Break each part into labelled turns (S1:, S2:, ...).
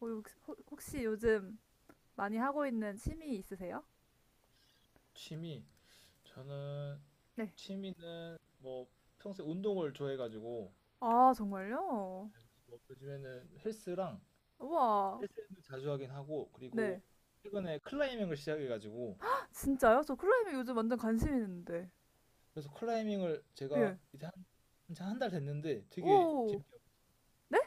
S1: 어, 혹시 요즘 많이 하고 있는 취미 있으세요?
S2: 취미. 저는
S1: 네.
S2: 취미는 뭐 평소에 운동을 좋아해가지고.
S1: 아,
S2: 네,
S1: 정말요?
S2: 그래서 뭐 요즘에는 헬스랑,
S1: 우와.
S2: 헬스는 자주 하긴 하고.
S1: 네.
S2: 그리고 최근에 클라이밍을 시작해가지고
S1: 진짜요? 저 클라이밍 요즘 완전 관심 있는데.
S2: 그래서 클라이밍을 제가
S1: 예.
S2: 이제 한한 달 됐는데 되게
S1: 오.
S2: 재밌게
S1: 네?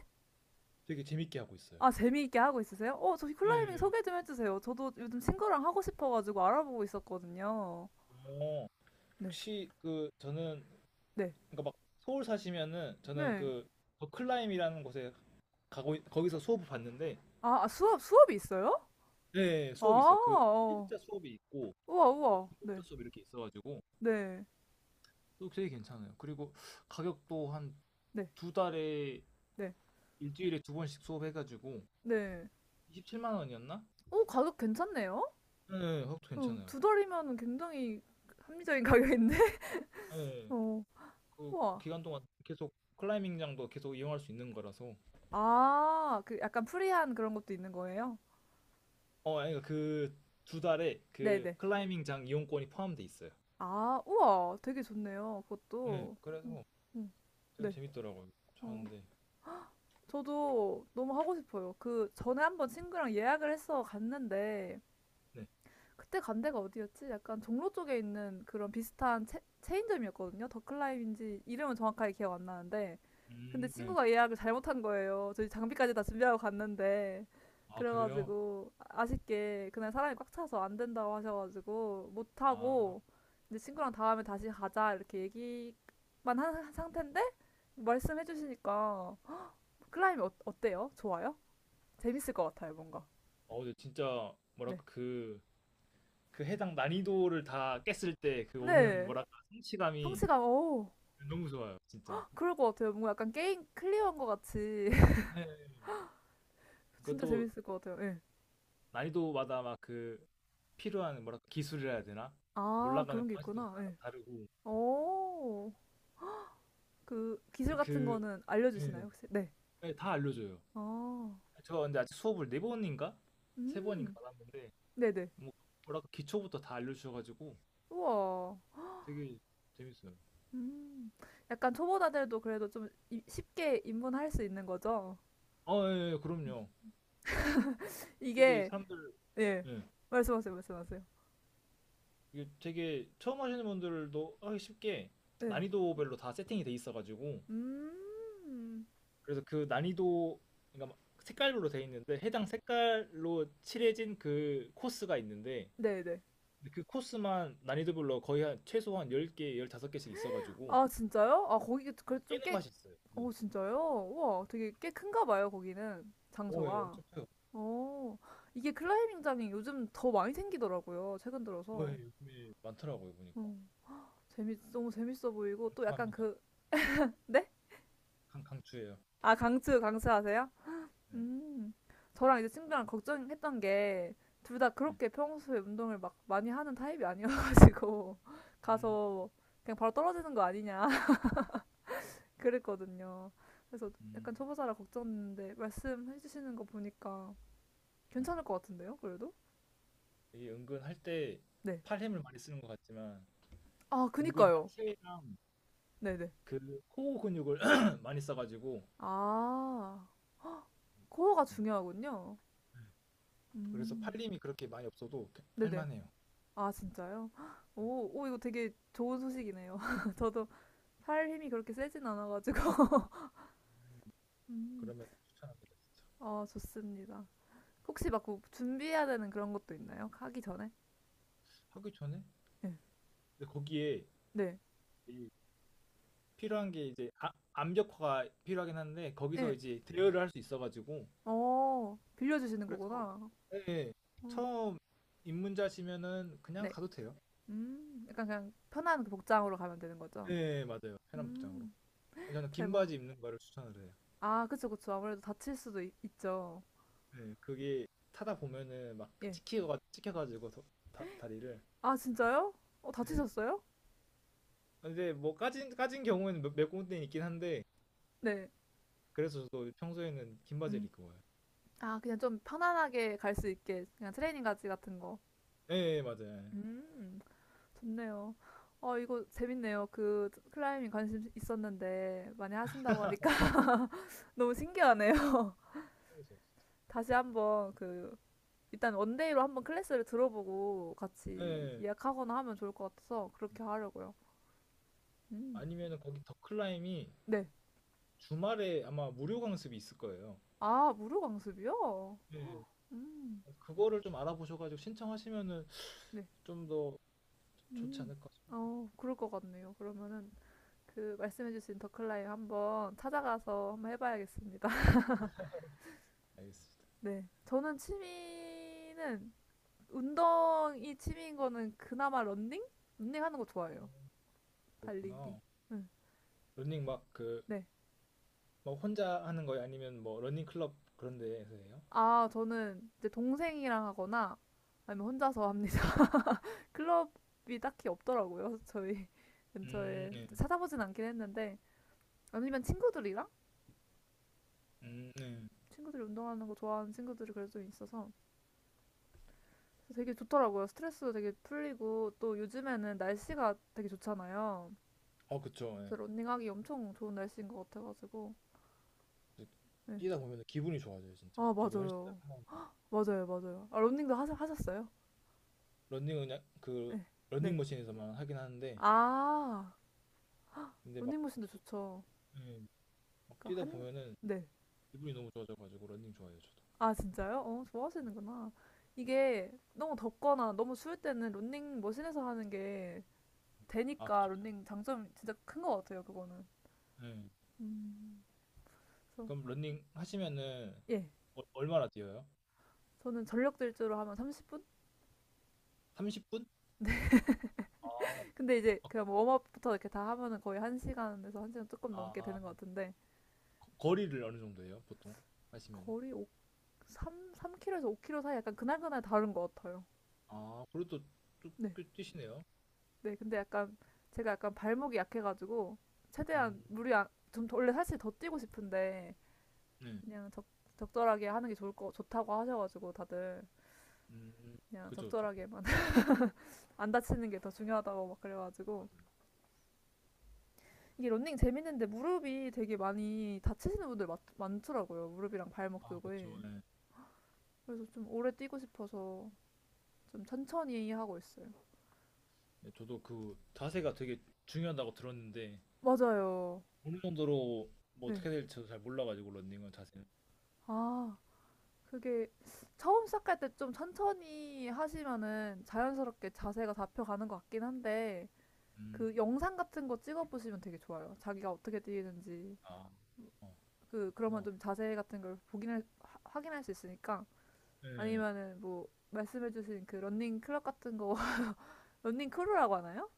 S2: 되게 재밌게 하고 있어요.
S1: 아, 재미있게 하고 있으세요? 어, 저기 클라이밍
S2: 네.
S1: 소개 좀 해주세요. 저도 요즘 친구랑 하고 싶어가지고 알아보고 있었거든요.
S2: 어,
S1: 네.
S2: 혹시 저는
S1: 네.
S2: 그러니까 막 서울 사시면은 저는
S1: 네.
S2: 그 더 클라임이라는 곳에 거기서 수업을 봤는데.
S1: 아, 아, 수업이 있어요?
S2: 네,
S1: 아,
S2: 수업이 있어요. 그
S1: 어.
S2: 초급자 수업이 있고
S1: 우와,
S2: 막
S1: 우와.
S2: 중급자
S1: 네.
S2: 수업 이렇게 있어가지고
S1: 네.
S2: 또 되게 괜찮아요. 그리고 가격도 한
S1: 네.
S2: 두 달에
S1: 네.
S2: 일주일에 2번씩 수업해가지고
S1: 네.
S2: 27만 원이었나?
S1: 오, 가격 괜찮네요?
S2: 네, 그것도
S1: 어,
S2: 괜찮아요.
S1: 두 달이면 굉장히 합리적인 가격인데?
S2: 네,
S1: 어,
S2: 그
S1: 우와.
S2: 기간 동안 계속 클라이밍장도 계속 이용할 수 있는 거라서.
S1: 아, 그 약간 프리한 그런 것도 있는 거예요?
S2: 어, 아니 그두 달에 그
S1: 네네.
S2: 클라이밍장 이용권이 포함돼 있어요.
S1: 아, 우와. 되게 좋네요.
S2: 네,
S1: 그것도. 음,
S2: 그래서
S1: 음,
S2: 되게
S1: 네.
S2: 재밌더라고요.
S1: 어,
S2: 하는데.
S1: 저도 너무 하고 싶어요. 그 전에 한번 친구랑 예약을 해서 갔는데,
S2: 네.
S1: 그때 간 데가 어디였지? 약간 종로 쪽에 있는 그런 비슷한 체인점이었거든요. 더클라임인지 이름은 정확하게 기억 안 나는데. 근데
S2: 음. 네.
S1: 친구가 예약을 잘못한 거예요. 저희 장비까지 다 준비하고 갔는데.
S2: 아 그래요?
S1: 그래가지고 아쉽게 그날 사람이 꽉 차서 안 된다고 하셔가지고 못
S2: 아.
S1: 하고 이제 친구랑 다음에 다시 가자 이렇게 얘기만 한 상태인데 말씀해 주시니까 클라임이 어때요? 좋아요? 재밌을 것 같아요, 뭔가.
S2: 어, 근데 진짜
S1: 네.
S2: 뭐랄까 그 해당 난이도를 다 깼을 때 그 오는
S1: 네.
S2: 뭐랄까 성취감이
S1: 성씨가 오
S2: 너무 좋아요, 진짜.
S1: 그럴 것 같아요. 뭔가 약간 게임 클리어한 것 같이
S2: 네.
S1: 진짜
S2: 그것도
S1: 재밌을 것 같아요. 예.
S2: 난이도마다 막 그 필요한 뭐랄까 기술이라 해야 되나?
S1: 아
S2: 올라가는
S1: 그런 게
S2: 방식도
S1: 있구나.
S2: 다
S1: 예.
S2: 다르고.
S1: 오, 그
S2: 이제
S1: 기술 같은
S2: 그,
S1: 거는 알려주시나요
S2: 예,
S1: 혹시? 네.
S2: 예, 다 알려줘요.
S1: 아,
S2: 제가 근데 아직 수업을 4번인가 3번인가
S1: 음,
S2: 받았는데
S1: 네네.
S2: 뭐 뭐랄까 기초부터 다 알려주셔가지고
S1: 우와.
S2: 되게 재밌어요.
S1: 음, 약간 초보자들도 그래도 좀 쉽게 입문할 수 있는 거죠?
S2: 어, 예, 예, 그럼요. 되게
S1: 이게
S2: 사람들,
S1: 예.
S2: 예.
S1: 말씀하세요, 말씀하세요.
S2: 이게 되게 처음 하시는 분들도 하기 쉽게
S1: 네.
S2: 난이도별로 다 세팅이 돼 있어가지고,
S1: 음,
S2: 그래서 그 난이도, 그러니까 막 색깔별로 돼 있는데 해당 색깔로 칠해진 그 코스가 있는데
S1: 네네.
S2: 근데 그 코스만 난이도별로 거의 한 최소한 10개, 15개씩 있어가지고
S1: 아 진짜요? 아 거기 그래도
S2: 그래서 깨는
S1: 좀꽤
S2: 맛이 있어요. 예.
S1: 오 진짜요? 우와, 되게 꽤 큰가 봐요, 거기는.
S2: 어, 예,
S1: 장소가.
S2: 엄청 커요.
S1: 어, 이게 클라이밍장이 요즘 더 많이 생기더라고요, 최근
S2: 어, 예,
S1: 들어서.
S2: 요즘에 많더라고요, 보니까.
S1: 음, 재밌, 너무 재밌어 보이고, 또 약간
S2: 강추합니다.
S1: 그, 네?
S2: 강추예요.
S1: 아, 강추하세요?
S2: 네.
S1: 음, 저랑 이제 친구랑 걱정했던 게, 둘 다
S2: 네.
S1: 그렇게 평소에 운동을 막 많이 하는 타입이 아니어가지고,
S2: 음.
S1: 가서 그냥 바로 떨어지는 거 아니냐, 그랬거든요. 그래서
S2: 음.
S1: 약간 초보자라 걱정했는데, 말씀해주시는 거 보니까,
S2: 네.
S1: 괜찮을 것 같은데요, 그래도?
S2: 이게 은근 할 때
S1: 네.
S2: 팔힘을 많이 쓰는 것 같지만
S1: 아,
S2: 은근히
S1: 그니까요.
S2: 하체랑
S1: 네네.
S2: 그 코어 근육을 많이 써가지고.
S1: 아, 코어가
S2: 예.
S1: 중요하군요.
S2: 그래서
S1: 음.
S2: 팔림이 그렇게 많이 없어도
S1: 네네.
S2: 할만해요.
S1: 아, 진짜요? 헉, 오, 오, 이거 되게 좋은 소식이네요. 저도 팔 힘이 그렇게 세진 않아가지고. 음.
S2: 그러면 추천합니다, 진짜.
S1: 아, 좋습니다. 혹시 막 그 준비해야 되는 그런 것도 있나요? 하기 전에?
S2: 하기 전에,
S1: 네.
S2: 근데 거기에
S1: 네.
S2: 이 필요한 게 이제 암벽화가 필요하긴 한데 거기서
S1: 네.
S2: 이제 대여를 할 수 있어가지고
S1: 어, 빌려주시는
S2: 그래서,
S1: 거구나.
S2: 예, 예.
S1: 어.
S2: 처음 입문자시면은 그냥
S1: 네.
S2: 가도 돼요.
S1: 약간 그냥 편한 그 복장으로 가면 되는 거죠?
S2: 네, 맞아요. 편한 복장으로.
S1: 음,
S2: 예, 저는 긴
S1: 대박.
S2: 바지 입는 거를 추천을 해요.
S1: 아, 그쵸, 그쵸. 아무래도 다칠 수도 있, 죠
S2: 네, 그게 타다 보면은 막
S1: 예.
S2: 찍혀가지고 더- 다리를,
S1: 아, 진짜요? 어,
S2: 예.
S1: 다치셨어요?
S2: 아, 근데 뭐 까진 경우에는 몇 군데 있긴 한데
S1: 네.
S2: 그래서 저도 평소에는 긴 바지를
S1: 음.
S2: 입고 와요.
S1: 아, 그냥 좀 편안하게 갈 수 있게. 그냥 트레이닝 가지 같은 거.
S2: 예, 예, 맞아요.
S1: 음, 좋네요. 어, 이거 재밌네요. 그, 클라이밍 관심 있었는데, 많이 하신다고 하니까 너무 신기하네요.
S2: 예.
S1: 다시 한번 그, 일단 원데이로 한번 클래스를 들어보고
S2: 예.
S1: 같이
S2: 예.
S1: 예약하거나 하면 좋을 것 같아서 그렇게 하려고요. 음.
S2: 아니면은 거기 더 클라임이
S1: 네.
S2: 주말에 아마 무료 강습이 있을 거예요.
S1: 아, 무료 강습이요?
S2: 예.
S1: 음.
S2: 그거를 좀 알아보셔가지고 신청하시면은
S1: 네.
S2: 좀 더 좋지
S1: 음.
S2: 않을까 싶습니다.
S1: 어, 그럴 것 같네요. 그러면은 그 말씀해주신 더클라임 한번 찾아가서 한번 해봐야겠습니다.
S2: 알겠습니다.
S1: 네. 저는 취미는 운동이 취미인 거는 그나마 런닝? 런닝 하는 거 좋아해요. 달리기.
S2: 그렇구나.
S1: 응.
S2: 러닝 막 그
S1: 네.
S2: 막 혼자 하는 거예요? 아니면 뭐 러닝 클럽 그런 데에서 해요?
S1: 아, 저는 이제 동생이랑 하거나 아니면 혼자서 합니다. 클럽이 딱히 없더라고요. 저희 근처에
S2: 예.
S1: 찾아보진 않긴 했는데 아니면 친구들이랑
S2: 네.
S1: 친구들이 운동하는 거 좋아하는 친구들이 그래도 좀 있어서 되게 좋더라고요. 스트레스도 되게 풀리고 또 요즘에는 날씨가 되게 좋잖아요.
S2: 어, 그쵸. 예.
S1: 그래서 런닝하기 엄청 좋은 날씨인 것 같아가지고.
S2: 이제
S1: 네.
S2: 뛰다 보면 기분이 좋아져요, 진짜.
S1: 아,
S2: 저도 헬스장
S1: 맞아요.
S2: 하나,
S1: 맞아요, 맞아요. 아, 런닝도 하셨어요?
S2: 런닝은 그
S1: 네. 네.
S2: 런닝머신에서만 하긴 하는데
S1: 아,
S2: 근데 막,
S1: 런닝머신도
S2: 저도 막,
S1: 좋죠.
S2: 예, 막
S1: 그러니까
S2: 뛰다
S1: 한,
S2: 보면은
S1: 네.
S2: 기분이 너무 좋아져가지고 런닝 좋아해요 저도.
S1: 아, 진짜요? 어,
S2: 예.
S1: 좋아하시는구나. 이게 너무 덥거나 너무 추울 때는 런닝머신에서 하는 게
S2: 아
S1: 되니까
S2: 그쵸,
S1: 런닝 장점이 진짜 큰 것 같아요, 그거는.
S2: 예.
S1: 음, 그래서,
S2: 그럼 런닝 하시면은
S1: 예.
S2: 어- 얼마나 뛰어요?
S1: 저는 전력 질주로 하면 30분?
S2: 30분? 아.
S1: 근데 이제 그냥 뭐 웜업부터 이렇게 다 하면은 거의 1시간에서 한 시간 조금 넘게
S2: 아
S1: 되는 것 같은데
S2: 거리를 어느 정도예요 보통 하시면은.
S1: 거리 3km에서 5km 사이 약간 그날그날 다른 것 같아요.
S2: 아 그래도 쭉
S1: 네.
S2: 뛰시네요.
S1: 네. 근데 약간 제가 약간 발목이 약해가지고
S2: 음.
S1: 최대한 무리 안, 좀 원래 사실 더 뛰고 싶은데
S2: 네.
S1: 그냥 적절하게 하는 게 좋을 거 좋다고 하셔가지고 다들
S2: 음.
S1: 그냥
S2: 그쵸, 그쵸.
S1: 적절하게만 안 다치는 게 더 중요하다고 막 그래가지고
S2: 맞아요.
S1: 이게 런닝 재밌는데 무릎이 되게 많이 다치시는 분들 많더라고요. 무릎이랑 발목
S2: 아 그쵸,
S1: 쪽에.
S2: 예.
S1: 그래서 좀 오래 뛰고 싶어서 좀 천천히 하고 있어요.
S2: 네. 저도 그 자세가 되게 중요하다고 들었는데
S1: 맞아요.
S2: 어느 정도로 뭐
S1: 네.
S2: 어떻게 될지 저도 잘 몰라가지고 런닝은 자세는.
S1: 아, 그게 처음 시작할 때 좀 천천히 하시면은 자연스럽게 자세가 잡혀가는 것 같긴 한데
S2: 음.
S1: 그 영상 같은 거 찍어보시면 되게 좋아요. 자기가 어떻게 뛰는지.
S2: 아. 어,
S1: 그, 그러면
S2: 그렇구나.
S1: 좀 자세 같은 걸 보긴, 확인할 수 있으니까.
S2: 예, 예.
S1: 아니면은 뭐, 말씀해주신 그 런닝 클럽 같은 거, 런닝 크루라고 하나요?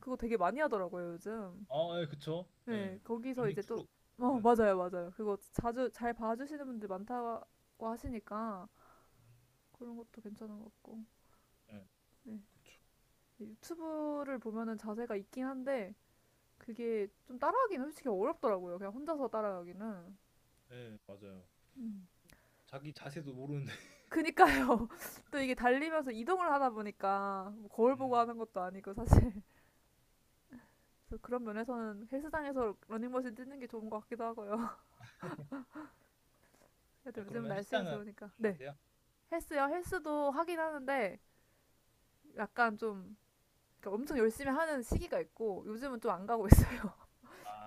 S1: 그거 되게 많이 하더라고요, 요즘.
S2: 아, 예, 그쵸. 예,
S1: 네, 거기서
S2: 런닝
S1: 이제 또,
S2: 크루.
S1: 어,
S2: 그런,
S1: 맞아요, 맞아요. 그거 자주 잘 봐주시는 분들 많다고 하시니까 그런 것도 괜찮은 것 같고.
S2: 예,
S1: 네.
S2: 그쵸.
S1: 유튜브를 보면은 자세가 있긴 한데 그게 좀 따라하기는 솔직히 어렵더라고요. 그냥 혼자서 따라하기는.
S2: 예, 맞아요. 자기 자세도 모르는데.
S1: 그니까요. 또 이게 달리면서 이동을 하다 보니까 뭐 거울
S2: 음.
S1: 보고 하는 것도 아니고 사실. 그래서 그런 면에서는 헬스장에서 러닝머신 뛰는 게 좋은 것 같기도 하고요. 그래도
S2: 아,
S1: 요즘은
S2: 그러면
S1: 날씨가
S2: 헬스장은 안
S1: 좋으니까. 네.
S2: 가세요?
S1: 헬스요. 헬스도 하긴 하는데 약간 좀 그러니까 엄청 열심히 하는 시기가 있고 요즘은 좀 안 가고 있어요.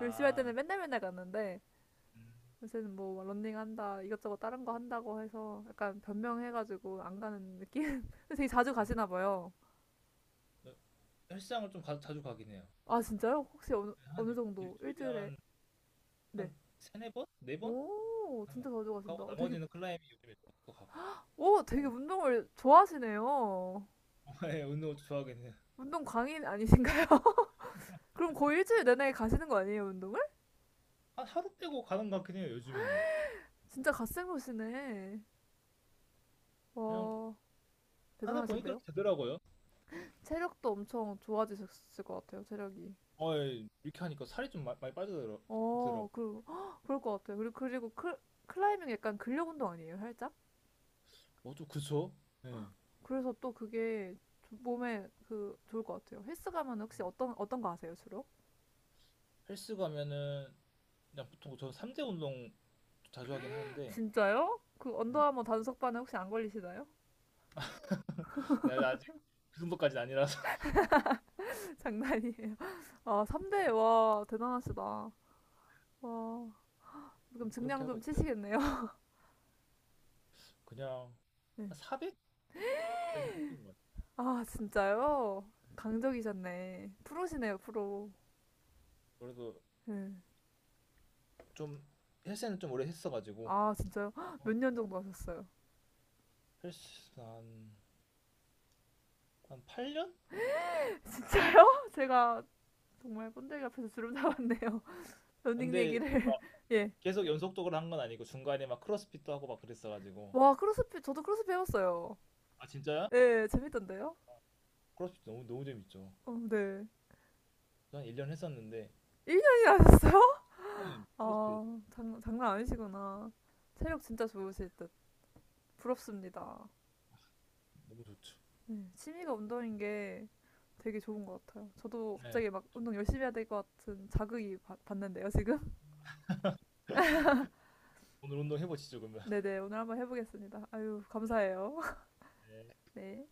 S1: 열심히 할 때는 맨날 맨날 갔는데
S2: 음.
S1: 요새는 뭐 런닝 한다 이것저것 다른 거 한다고 해서 약간 변명해가지고 안 가는 느낌. 되게 자주
S2: 음.
S1: 가시나 봐요.
S2: 네, 헬스장을 좀 자주 가긴 해요.
S1: 아 진짜요? 혹시 어느
S2: 한
S1: 어느 정도
S2: 일주일에
S1: 일주일에
S2: 한,
S1: 네.
S2: 한 세네 번? 4번?
S1: 오
S2: 하는 것
S1: 진짜
S2: 같아요.
S1: 자주 가신다.
S2: 가고
S1: 어, 되게
S2: 나머지는 클라이밍 요즘에 또 가고.
S1: 오 되게
S2: 나머지.
S1: 운동을 좋아하시네요.
S2: 예, 운동 좋아하긴 해요.
S1: 운동 광인 아니신가요? 그럼 거의 일주일 내내 가시는 거 아니에요 운동을?
S2: 하루 빼고 가는 것 같긴 해요, 요즘에는.
S1: 진짜 갓생 보시네.
S2: 그냥
S1: 와
S2: 하다 보니까
S1: 대단하신데요?
S2: 이렇게 되더라고요.
S1: 체력도 엄청 좋아지셨을 것 같아요, 체력이.
S2: 어, 예, 이렇게 하니까 살이 좀 많이 빠지더라고요.
S1: 어, 그리고, 헉, 그럴 것 같아요. 그리고, 그리고 클라이밍 약간 근력 운동 아니에요, 살짝?
S2: 어, 좀 그쵸? 예.
S1: 그래서 또 그게 몸에 그, 좋을 것 같아요. 헬스 가면 혹시 어떤, 어떤 거 아세요, 주로?
S2: 헬스 가면은 그냥 보통 저는 3대 운동 자주 하긴 하는데.
S1: 진짜요? 그
S2: 음.
S1: 언더아머 단속반에 혹시 안 걸리시나요?
S2: 나 아직 그 정도까지는 아니라서.
S1: 장난이에요. 아, 3대, 와, 대단하시다. 와, 그럼
S2: 뭐
S1: 증량
S2: 그렇게 하고
S1: 좀
S2: 있죠.
S1: 치시겠네요.
S2: 그냥
S1: 네.
S2: 한 400까지 했던 것 같아요.
S1: 아, 진짜요? 강적이셨네. 프로시네요, 프로.
S2: 그래도
S1: 네.
S2: 좀 헬스는 좀 오래 했어가지고.
S1: 아, 진짜요? 헉,
S2: 어,
S1: 몇 년 정도 하셨어요?
S2: 헬스 한 8년?
S1: 진짜요? 제가 정말 꼰대기 앞에서 주름 잡았네요. 러닝
S2: 근데 이게
S1: 얘기를. 예.
S2: 계속 연속적으로 한 건 아니고 중간에 막 크로스핏도 하고 막 그랬어가지고.
S1: 와, 크로스핏, 저도 크로스핏 해봤어요.
S2: 아 진짜요?
S1: 예, 재밌던데요?
S2: 크로스핏 너무 너무 재밌죠.
S1: 어, 네.
S2: 저 한 1년 했었는데.
S1: 1년이나 하셨어요?
S2: 네. 크로스핏
S1: 아, 장난 아니시구나. 체력 진짜 좋으실 듯. 부럽습니다.
S2: 너무 좋죠.
S1: 네, 취미가 운동인 게 되게 좋은 것 같아요. 저도
S2: 네,
S1: 갑자기 막 운동 열심히 해야 될 것 같은 자극이 받는데요, 지금?
S2: 오늘 운동 해보시죠 그러면.
S1: 네네, 오늘 한번 해보겠습니다. 아유,
S2: 네.
S1: 감사해요.
S2: 네.
S1: 네.